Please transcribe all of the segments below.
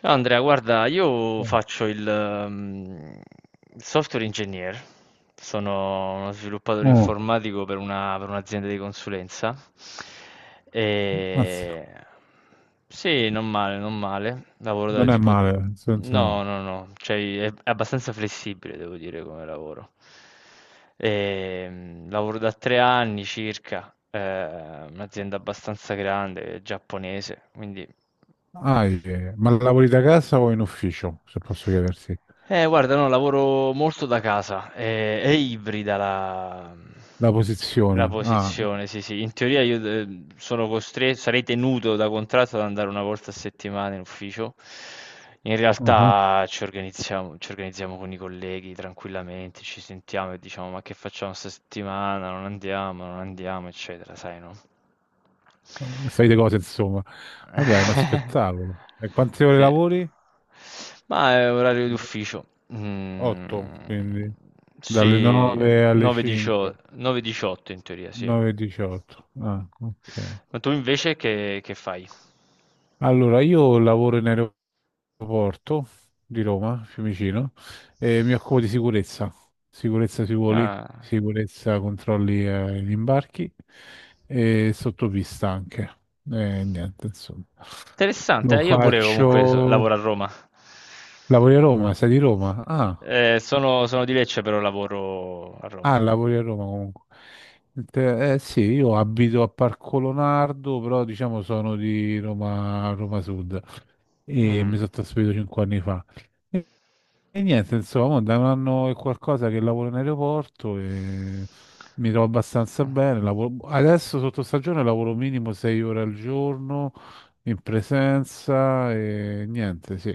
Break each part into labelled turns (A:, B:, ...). A: Ciao Andrea, guarda, io faccio il software engineer, sono uno sviluppatore
B: Mm.
A: informatico per per un'azienda di consulenza. E...
B: Mazza,
A: Sì, non male, non male. Lavoro da
B: non è
A: tipo.
B: male, nel senso
A: No,
B: no.
A: no, no, cioè è abbastanza flessibile, devo dire, come lavoro. Lavoro da 3 anni circa, un'azienda abbastanza grande, giapponese, quindi.
B: Ah, ma lavori da casa o in ufficio, se posso chiedersi?
A: Guarda, no, lavoro molto da casa, ibrida
B: La
A: la
B: posizione. Ah,
A: posizione, sì, sì. In teoria io sono costretto, sarei tenuto da contratto ad andare una volta a settimana in ufficio. In
B: uh-huh.
A: realtà ci organizziamo con i colleghi tranquillamente, ci sentiamo e diciamo ma che facciamo questa settimana? Non andiamo, non andiamo, eccetera, sai, no?
B: Sai di cose, insomma. Vabbè, è uno spettacolo. E quante ore
A: Sì.
B: lavori?
A: Ma è orario d'ufficio. Mm,
B: Otto, quindi dalle
A: sì,
B: 9 alle 5,
A: 9:18 9:18 in teoria, sì.
B: 9 e 18. Ah, ok.
A: Ma tu invece che fai?
B: Allora, io lavoro in aeroporto Porto di Roma, Fiumicino, e mi occupo di sicurezza, sicurezza sui voli,
A: Ah,
B: sicurezza controlli gli imbarchi e sottopista anche. E niente, insomma.
A: interessante,
B: Lo
A: io pure comunque lavoro
B: faccio...
A: a Roma.
B: Lavori a Roma, sei di Roma? Ah,
A: Sono sono, di Lecce, però lavoro a
B: ah,
A: Roma.
B: lavori a Roma comunque. Sì, io abito a Parco Leonardo, però diciamo sono di Roma, Roma Sud e mi
A: Mm.
B: sono trasferito 5 anni fa. E niente, insomma, da un anno e qualcosa che lavoro in aeroporto e mi trovo abbastanza bene. Adesso sotto stagione lavoro minimo 6 ore al giorno in presenza e niente, sì.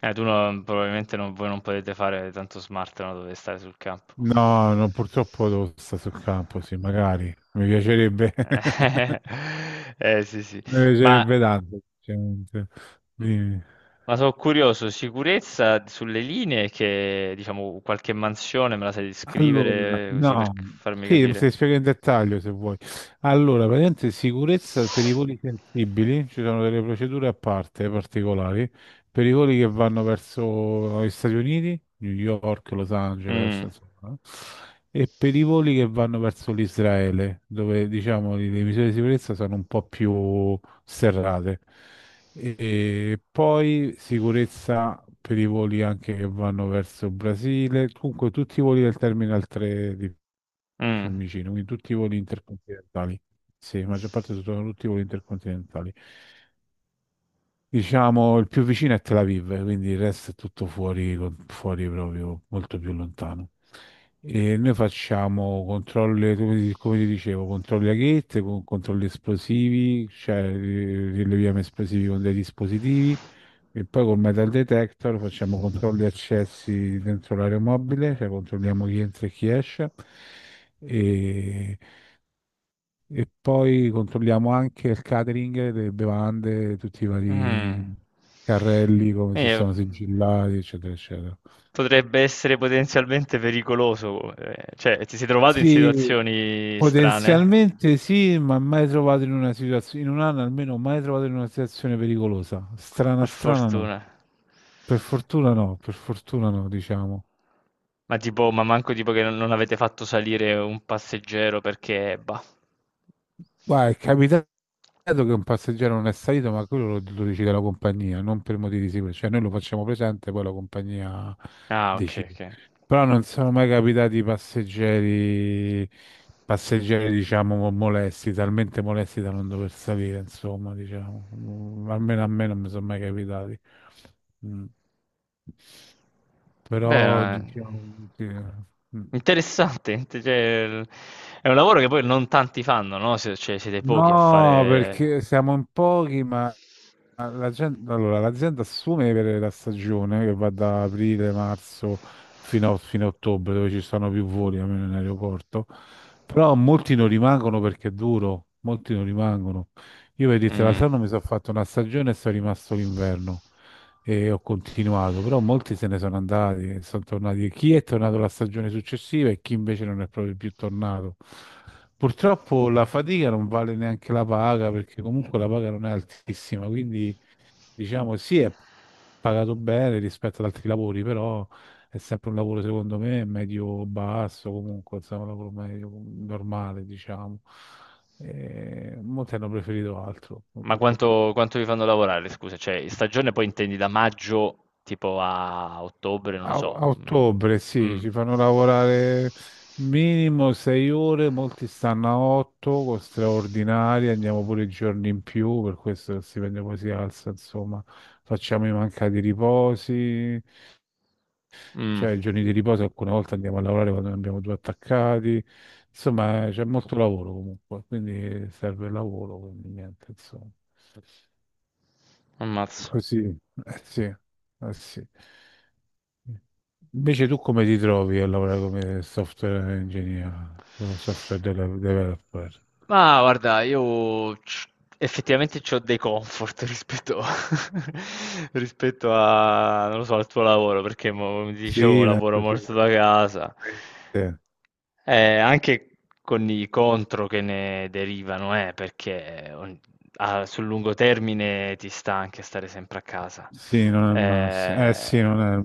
A: Tu non- probabilmente non, voi non potete fare tanto smart, no? Dovete stare sul campo.
B: No, no, purtroppo devo stare sul campo, sì, magari. Mi piacerebbe, mi
A: Eh, sì, sì. Ma,
B: piacerebbe tanto. Sinceramente. Dimmi.
A: ma sono curioso, sicurezza sulle linee che, diciamo, qualche mansione me la sai
B: Allora,
A: descrivere così per
B: no,
A: farmi
B: sì,
A: capire.
B: se spiego in dettaglio se vuoi. Allora, praticamente sicurezza per i voli sensibili, ci sono delle procedure a parte particolari, per i voli che vanno verso gli Stati Uniti, New York, Los Angeles,
A: Mm,
B: insomma, no? E per i voli che vanno verso l'Israele, dove diciamo le misure di sicurezza sono un po' più serrate. E poi sicurezza per i voli anche che vanno verso il Brasile, comunque tutti i voli del Terminal 3 di
A: mm.
B: Fiumicino, quindi tutti i voli intercontinentali. Sì, la maggior parte sono tutti i voli intercontinentali. Diciamo, il più vicino è Tel Aviv, quindi il resto è tutto fuori, fuori proprio, molto più lontano. E noi facciamo controlli, come ti dicevo, controlli a gate, controlli esplosivi, cioè rileviamo esplosivi con dei dispositivi e poi col metal detector facciamo controlli accessi dentro l'aeromobile, cioè controlliamo chi entra e chi esce. E e poi controlliamo anche il catering, le bevande, tutti i
A: Mm.
B: vari carrelli, come se
A: Eh,
B: sono sigillati, eccetera, eccetera.
A: potrebbe essere potenzialmente pericoloso, cioè ti sei trovato in
B: Sì,
A: situazioni strane,
B: potenzialmente sì, ma mai trovato in una situazione, in un anno almeno mai trovato in una situazione pericolosa. Strana,
A: per
B: strana no.
A: fortuna.
B: Per fortuna no, per fortuna no, diciamo.
A: Ma tipo, ma manco tipo che non avete fatto salire un passeggero perché, bah.
B: Guarda, è capitato che un passeggero non è salito, ma quello lo decide la compagnia, non per motivi di sicurezza. Cioè, noi lo facciamo presente, poi la compagnia
A: Ah, ok,
B: decide.
A: ok.
B: Però non sono mai capitati passeggeri, passeggeri, diciamo, molesti, talmente molesti da non dover salire, insomma, diciamo. Almeno a me non mi sono mai capitati. Mm.
A: Beh,
B: Però, diciamo... sì. Mm.
A: interessante, cioè, è un lavoro che poi non tanti fanno, no? Cioè, siete pochi a
B: No,
A: fare.
B: perché siamo in pochi, ma ah, allora, l'azienda assume per la stagione che va da aprile, marzo fino a ottobre, dove ci sono più voli almeno in aeroporto, però molti non rimangono perché è duro, molti non rimangono. Io per dirti,
A: Mm.
B: l'altro anno mi sono fatto una stagione e sono rimasto l'inverno e ho continuato, però molti se ne sono andati, e sono tornati. Chi è tornato la stagione successiva e chi invece non è proprio più tornato. Purtroppo la fatica non vale neanche la paga, perché comunque la paga non è altissima, quindi diciamo, sì, è pagato bene rispetto ad altri lavori, però è sempre un lavoro, secondo me, medio-basso, comunque, insomma, un lavoro medio, normale, diciamo. E molti hanno preferito altro, con
A: Ma
B: tutto qua.
A: quanto vi fanno lavorare, scusa? Cioè, in stagione poi intendi da maggio tipo a ottobre, non lo
B: A,
A: so.
B: a
A: Mm.
B: ottobre, sì,
A: Mm.
B: ci fanno lavorare minimo 6 ore, molti stanno a otto, con straordinaria, andiamo pure i giorni in più, per questo il stipendio poi si alza, insomma, facciamo i mancati riposi.
A: Mm.
B: Cioè, i giorni di riposo alcune volte andiamo a lavorare quando ne abbiamo due attaccati. Insomma, c'è molto lavoro comunque, quindi serve il lavoro, quindi niente, insomma.
A: Ammazza.
B: Così, eh sì, eh sì. Invece tu come ti trovi a lavorare come software engineer, come developer?
A: Ma guarda, io effettivamente ho dei comfort rispetto a, non lo so, al tuo lavoro, perché come ti dicevo,
B: Sì, penso
A: lavoro molto
B: sicuramente.
A: da casa, anche con i contro che ne derivano, perché sul lungo termine ti sta anche stare sempre a casa.
B: Sì, non è il massimo. Eh
A: Eh,
B: sì, non è il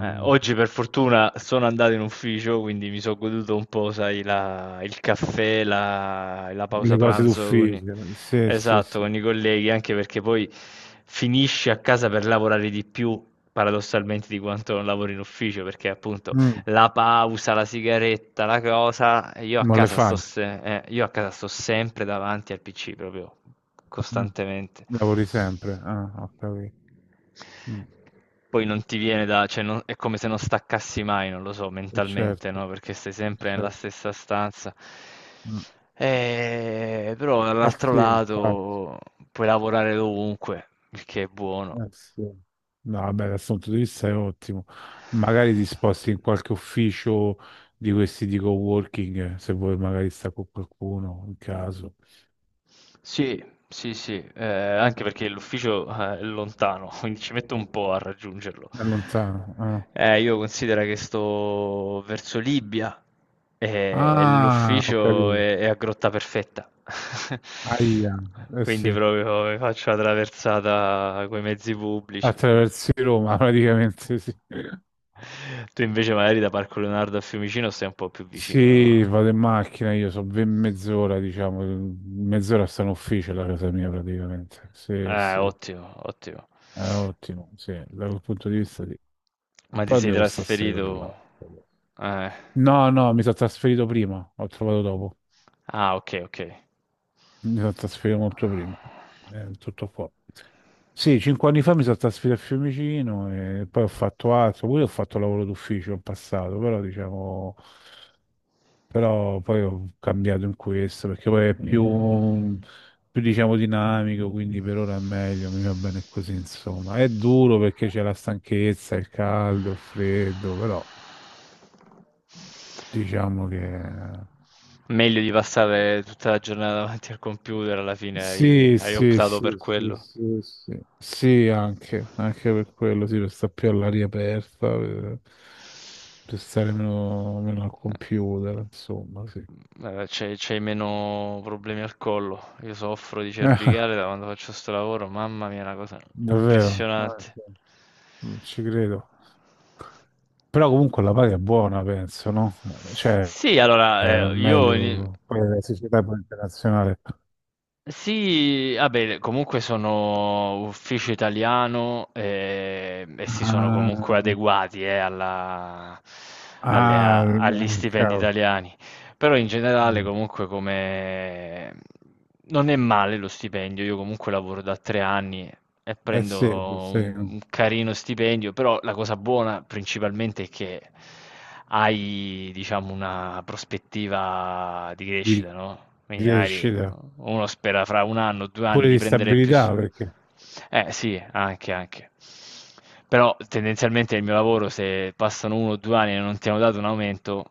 A: eh, oggi per fortuna sono andato in ufficio, quindi mi sono goduto un po', sai, il caffè, la pausa
B: Le cose
A: pranzo
B: d'ufficio. Sì, sì,
A: esatto,
B: sì.
A: con i colleghi, anche perché poi finisci a casa per lavorare di più, paradossalmente, di quanto non lavori in ufficio, perché appunto
B: Mm,
A: la pausa, la sigaretta, la cosa, e io a
B: non le
A: casa sto,
B: fai.
A: se- io a casa sto sempre davanti al PC proprio costantemente.
B: Lavori sempre, ah, ho capito. Mm,
A: Poi non ti viene da, è come se non staccassi mai, non lo so, mentalmente, no?
B: certo,
A: Perché stai sempre nella
B: certo.
A: stessa stanza.
B: Mm.
A: Però
B: Eh
A: dall'altro
B: sì, infatti,
A: lato puoi lavorare dovunque, il che è buono.
B: eh sì. No, vabbè, dal punto di vista è ottimo. Magari ti sposti in qualche ufficio di questi di coworking, se vuoi magari sta con qualcuno, in caso.
A: Sì, sì, sì, anche perché l'ufficio, è lontano, quindi ci metto un po' a raggiungerlo.
B: È lontano. Ah,
A: Io considero che sto verso Libia e
B: ah, ho
A: l'ufficio
B: capito.
A: è a Grotta Perfetta,
B: Aia, eh
A: quindi
B: sì.
A: proprio mi faccio la traversata con i mezzi pubblici.
B: Attraversi Roma, praticamente, sì.
A: Tu invece magari da Parco Leonardo a Fiumicino stai un po' più vicino,
B: Sì, vado in
A: no?
B: macchina, io so ben mezz'ora, diciamo, mezz'ora sta in ufficio la casa mia praticamente. Sì,
A: Eh,
B: sì,
A: ottimo, ottimo.
B: è ottimo, sì, da quel punto di vista sì.
A: Ma ti
B: Però
A: sei
B: devo stare 6 ore là.
A: trasferito? Eh.
B: No, no, mi sono trasferito prima, ho trovato dopo.
A: Ah, ok, ok.
B: Mi sono trasferito molto prima, tutto qua. Sì, 5 anni fa mi sono trasferito a Fiumicino e poi ho fatto altro, pure ho fatto lavoro d'ufficio in passato, però diciamo, però poi ho cambiato in questo perché poi è più, più diciamo dinamico, quindi per ora è meglio, mi va bene così, insomma. È duro perché c'è la stanchezza, il caldo, il freddo, però diciamo che.
A: Meglio di passare tutta la giornata davanti al computer, alla fine
B: Sì,
A: hai
B: sì,
A: optato per
B: sì, sì,
A: quello.
B: sì, sì, sì, anche, anche per quello, sì, per stare più all'aria aperta, per stare meno al computer, insomma, sì.
A: C'hai meno problemi al collo. Io soffro di cervicale da quando faccio sto lavoro. Mamma mia, è una cosa
B: Davvero, ah,
A: impressionante.
B: sì. Non ci credo. Però comunque la paga è buona, penso, no? Cioè,
A: Sì,
B: è
A: allora, io.
B: meglio, poi la società poi internazionale.
A: Sì, vabbè, comunque sono ufficio italiano, e si sono
B: Ah,
A: comunque adeguati,
B: ah,
A: agli stipendi
B: cavolo.
A: italiani. Però in generale comunque come. Non è male lo stipendio, io comunque lavoro da 3 anni e
B: Eh
A: prendo
B: sì, sì,
A: un carino stipendio, però la cosa buona principalmente è che hai, diciamo, una prospettiva di
B: di
A: crescita, no? Quindi magari
B: crescita.
A: uno spera fra un anno, 2 anni
B: Pure
A: di
B: di
A: prendere più.
B: stabilità perché
A: Eh sì, anche, anche. Però tendenzialmente il mio lavoro, se passano 1 o 2 anni e non ti hanno dato un aumento,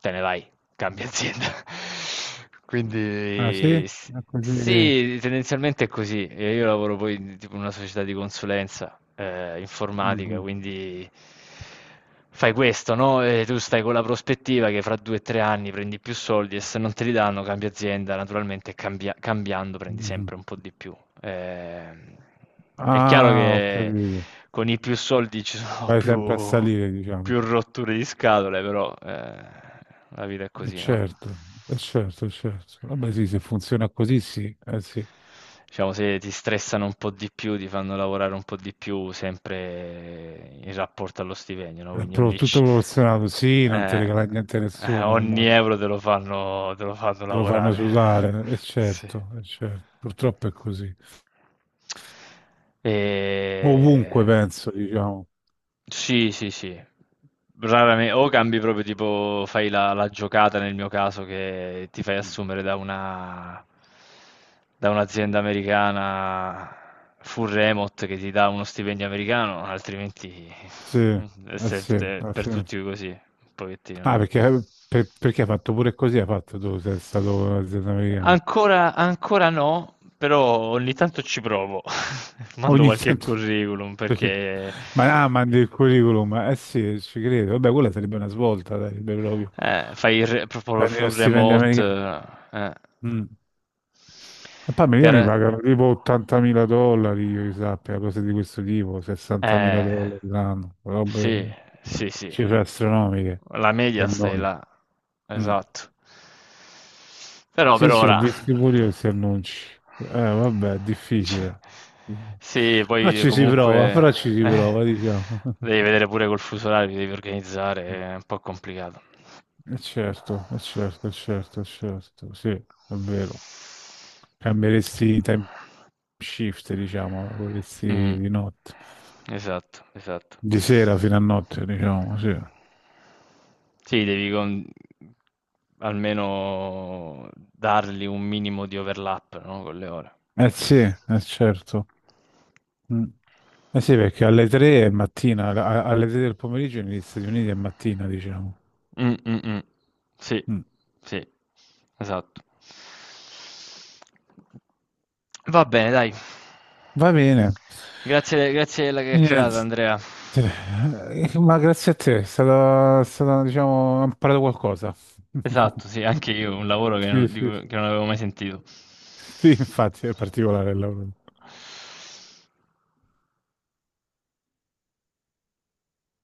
A: te ne vai, cambia azienda.
B: ah sì
A: Quindi
B: è così.
A: sì, tendenzialmente è così. Io lavoro poi in tipo, in una società di consulenza, informatica,
B: Mhm,
A: quindi fai questo, no? E tu stai con la prospettiva che fra 2 o 3 anni prendi più soldi e se non te li danno cambia azienda, naturalmente, cambiando prendi
B: mhm.
A: sempre un po' di più. Ehm, è chiaro
B: Ah, ho
A: che
B: capito.
A: con i più soldi ci sono
B: Vai sempre a salire, diciamo.
A: più rotture di scatole, però, la vita è così, no?
B: Certo, certo, certo, vabbè sì, se funziona così, sì, eh sì.
A: Diciamo, se ti stressano un po' di più, ti fanno lavorare un po' di più, sempre in rapporto allo stipendio, no?
B: È
A: Quindi
B: pro-
A: ogni,
B: tutto
A: c-
B: proporzionato, sì, non ti
A: eh,
B: regala niente a nessuno
A: ogni
B: ormai.
A: euro te lo fanno
B: Te lo fanno
A: lavorare.
B: usare, è
A: Sì.
B: certo, certo, purtroppo è così. Ovunque
A: Ehm,
B: penso, diciamo,
A: sì, sì, sì. Rarame o cambi proprio tipo, fai la giocata nel mio caso che ti fai
B: sì,
A: assumere da un'azienda americana full remote che ti dà uno stipendio americano, altrimenti
B: eh sì, eh
A: per
B: sì.
A: tutti così, un pochettino,
B: Ah,
A: no?
B: perché, perché hai fatto pure così, hai fatto tu, sei stato un'azienda americana.
A: Ancora, ancora no, però ogni tanto ci provo. Mando
B: Ogni
A: qualche
B: tanto
A: curriculum
B: sì.
A: perché
B: Ma, ah, mandi il curriculum, eh sì, ci credo. Vabbè, quella sarebbe una svolta, sarebbe proprio.
A: proprio
B: Prendi lo
A: full
B: stipendio
A: remote.
B: americano.
A: eh.
B: Mm. E poi gli mi
A: Per-
B: pagano tipo 80.000 dollari, io che sappia, cose di questo tipo, 60.000
A: Eh,
B: dollari l'anno,
A: sì,
B: robe,
A: sì, sì.
B: cifre astronomiche
A: La media
B: per
A: stai
B: noi.
A: là.
B: Mm.
A: Esatto. Però per
B: Sì, sì, ho
A: ora.
B: visto pure io questi annunci. Vabbè, è
A: Cioè,
B: difficile.
A: sì,
B: Però
A: poi
B: ci si prova,
A: comunque,
B: però ci si
A: eh,
B: prova, diciamo.
A: devi vedere pure col fuso orario, ti devi organizzare, è un po' complicato.
B: Certo, certo, certo, certo, sì, è vero. Cambieresti i time shift, diciamo, lavoreresti
A: Mm.
B: di notte,
A: Esatto, esatto.
B: di sera fino a notte, diciamo, sì.
A: Sì, almeno dargli un minimo di overlap, no, con le ore.
B: Eh sì, eh certo. Mm. Eh sì, perché alle 3 è mattina, alle 3 del pomeriggio negli Stati Uniti è mattina, diciamo.
A: Mm, mm, mm. Sì,
B: Mm.
A: sì, esatto. Va bene, dai.
B: Va bene.
A: Grazie, grazie della chiacchierata,
B: Niente.
A: Andrea.
B: Ma grazie a te, è stato, diciamo, ho imparato qualcosa.
A: Esatto, sì, anche io, un lavoro
B: Sì, sì.
A: che non avevo mai sentito.
B: Sì, infatti, è particolare il lavoro.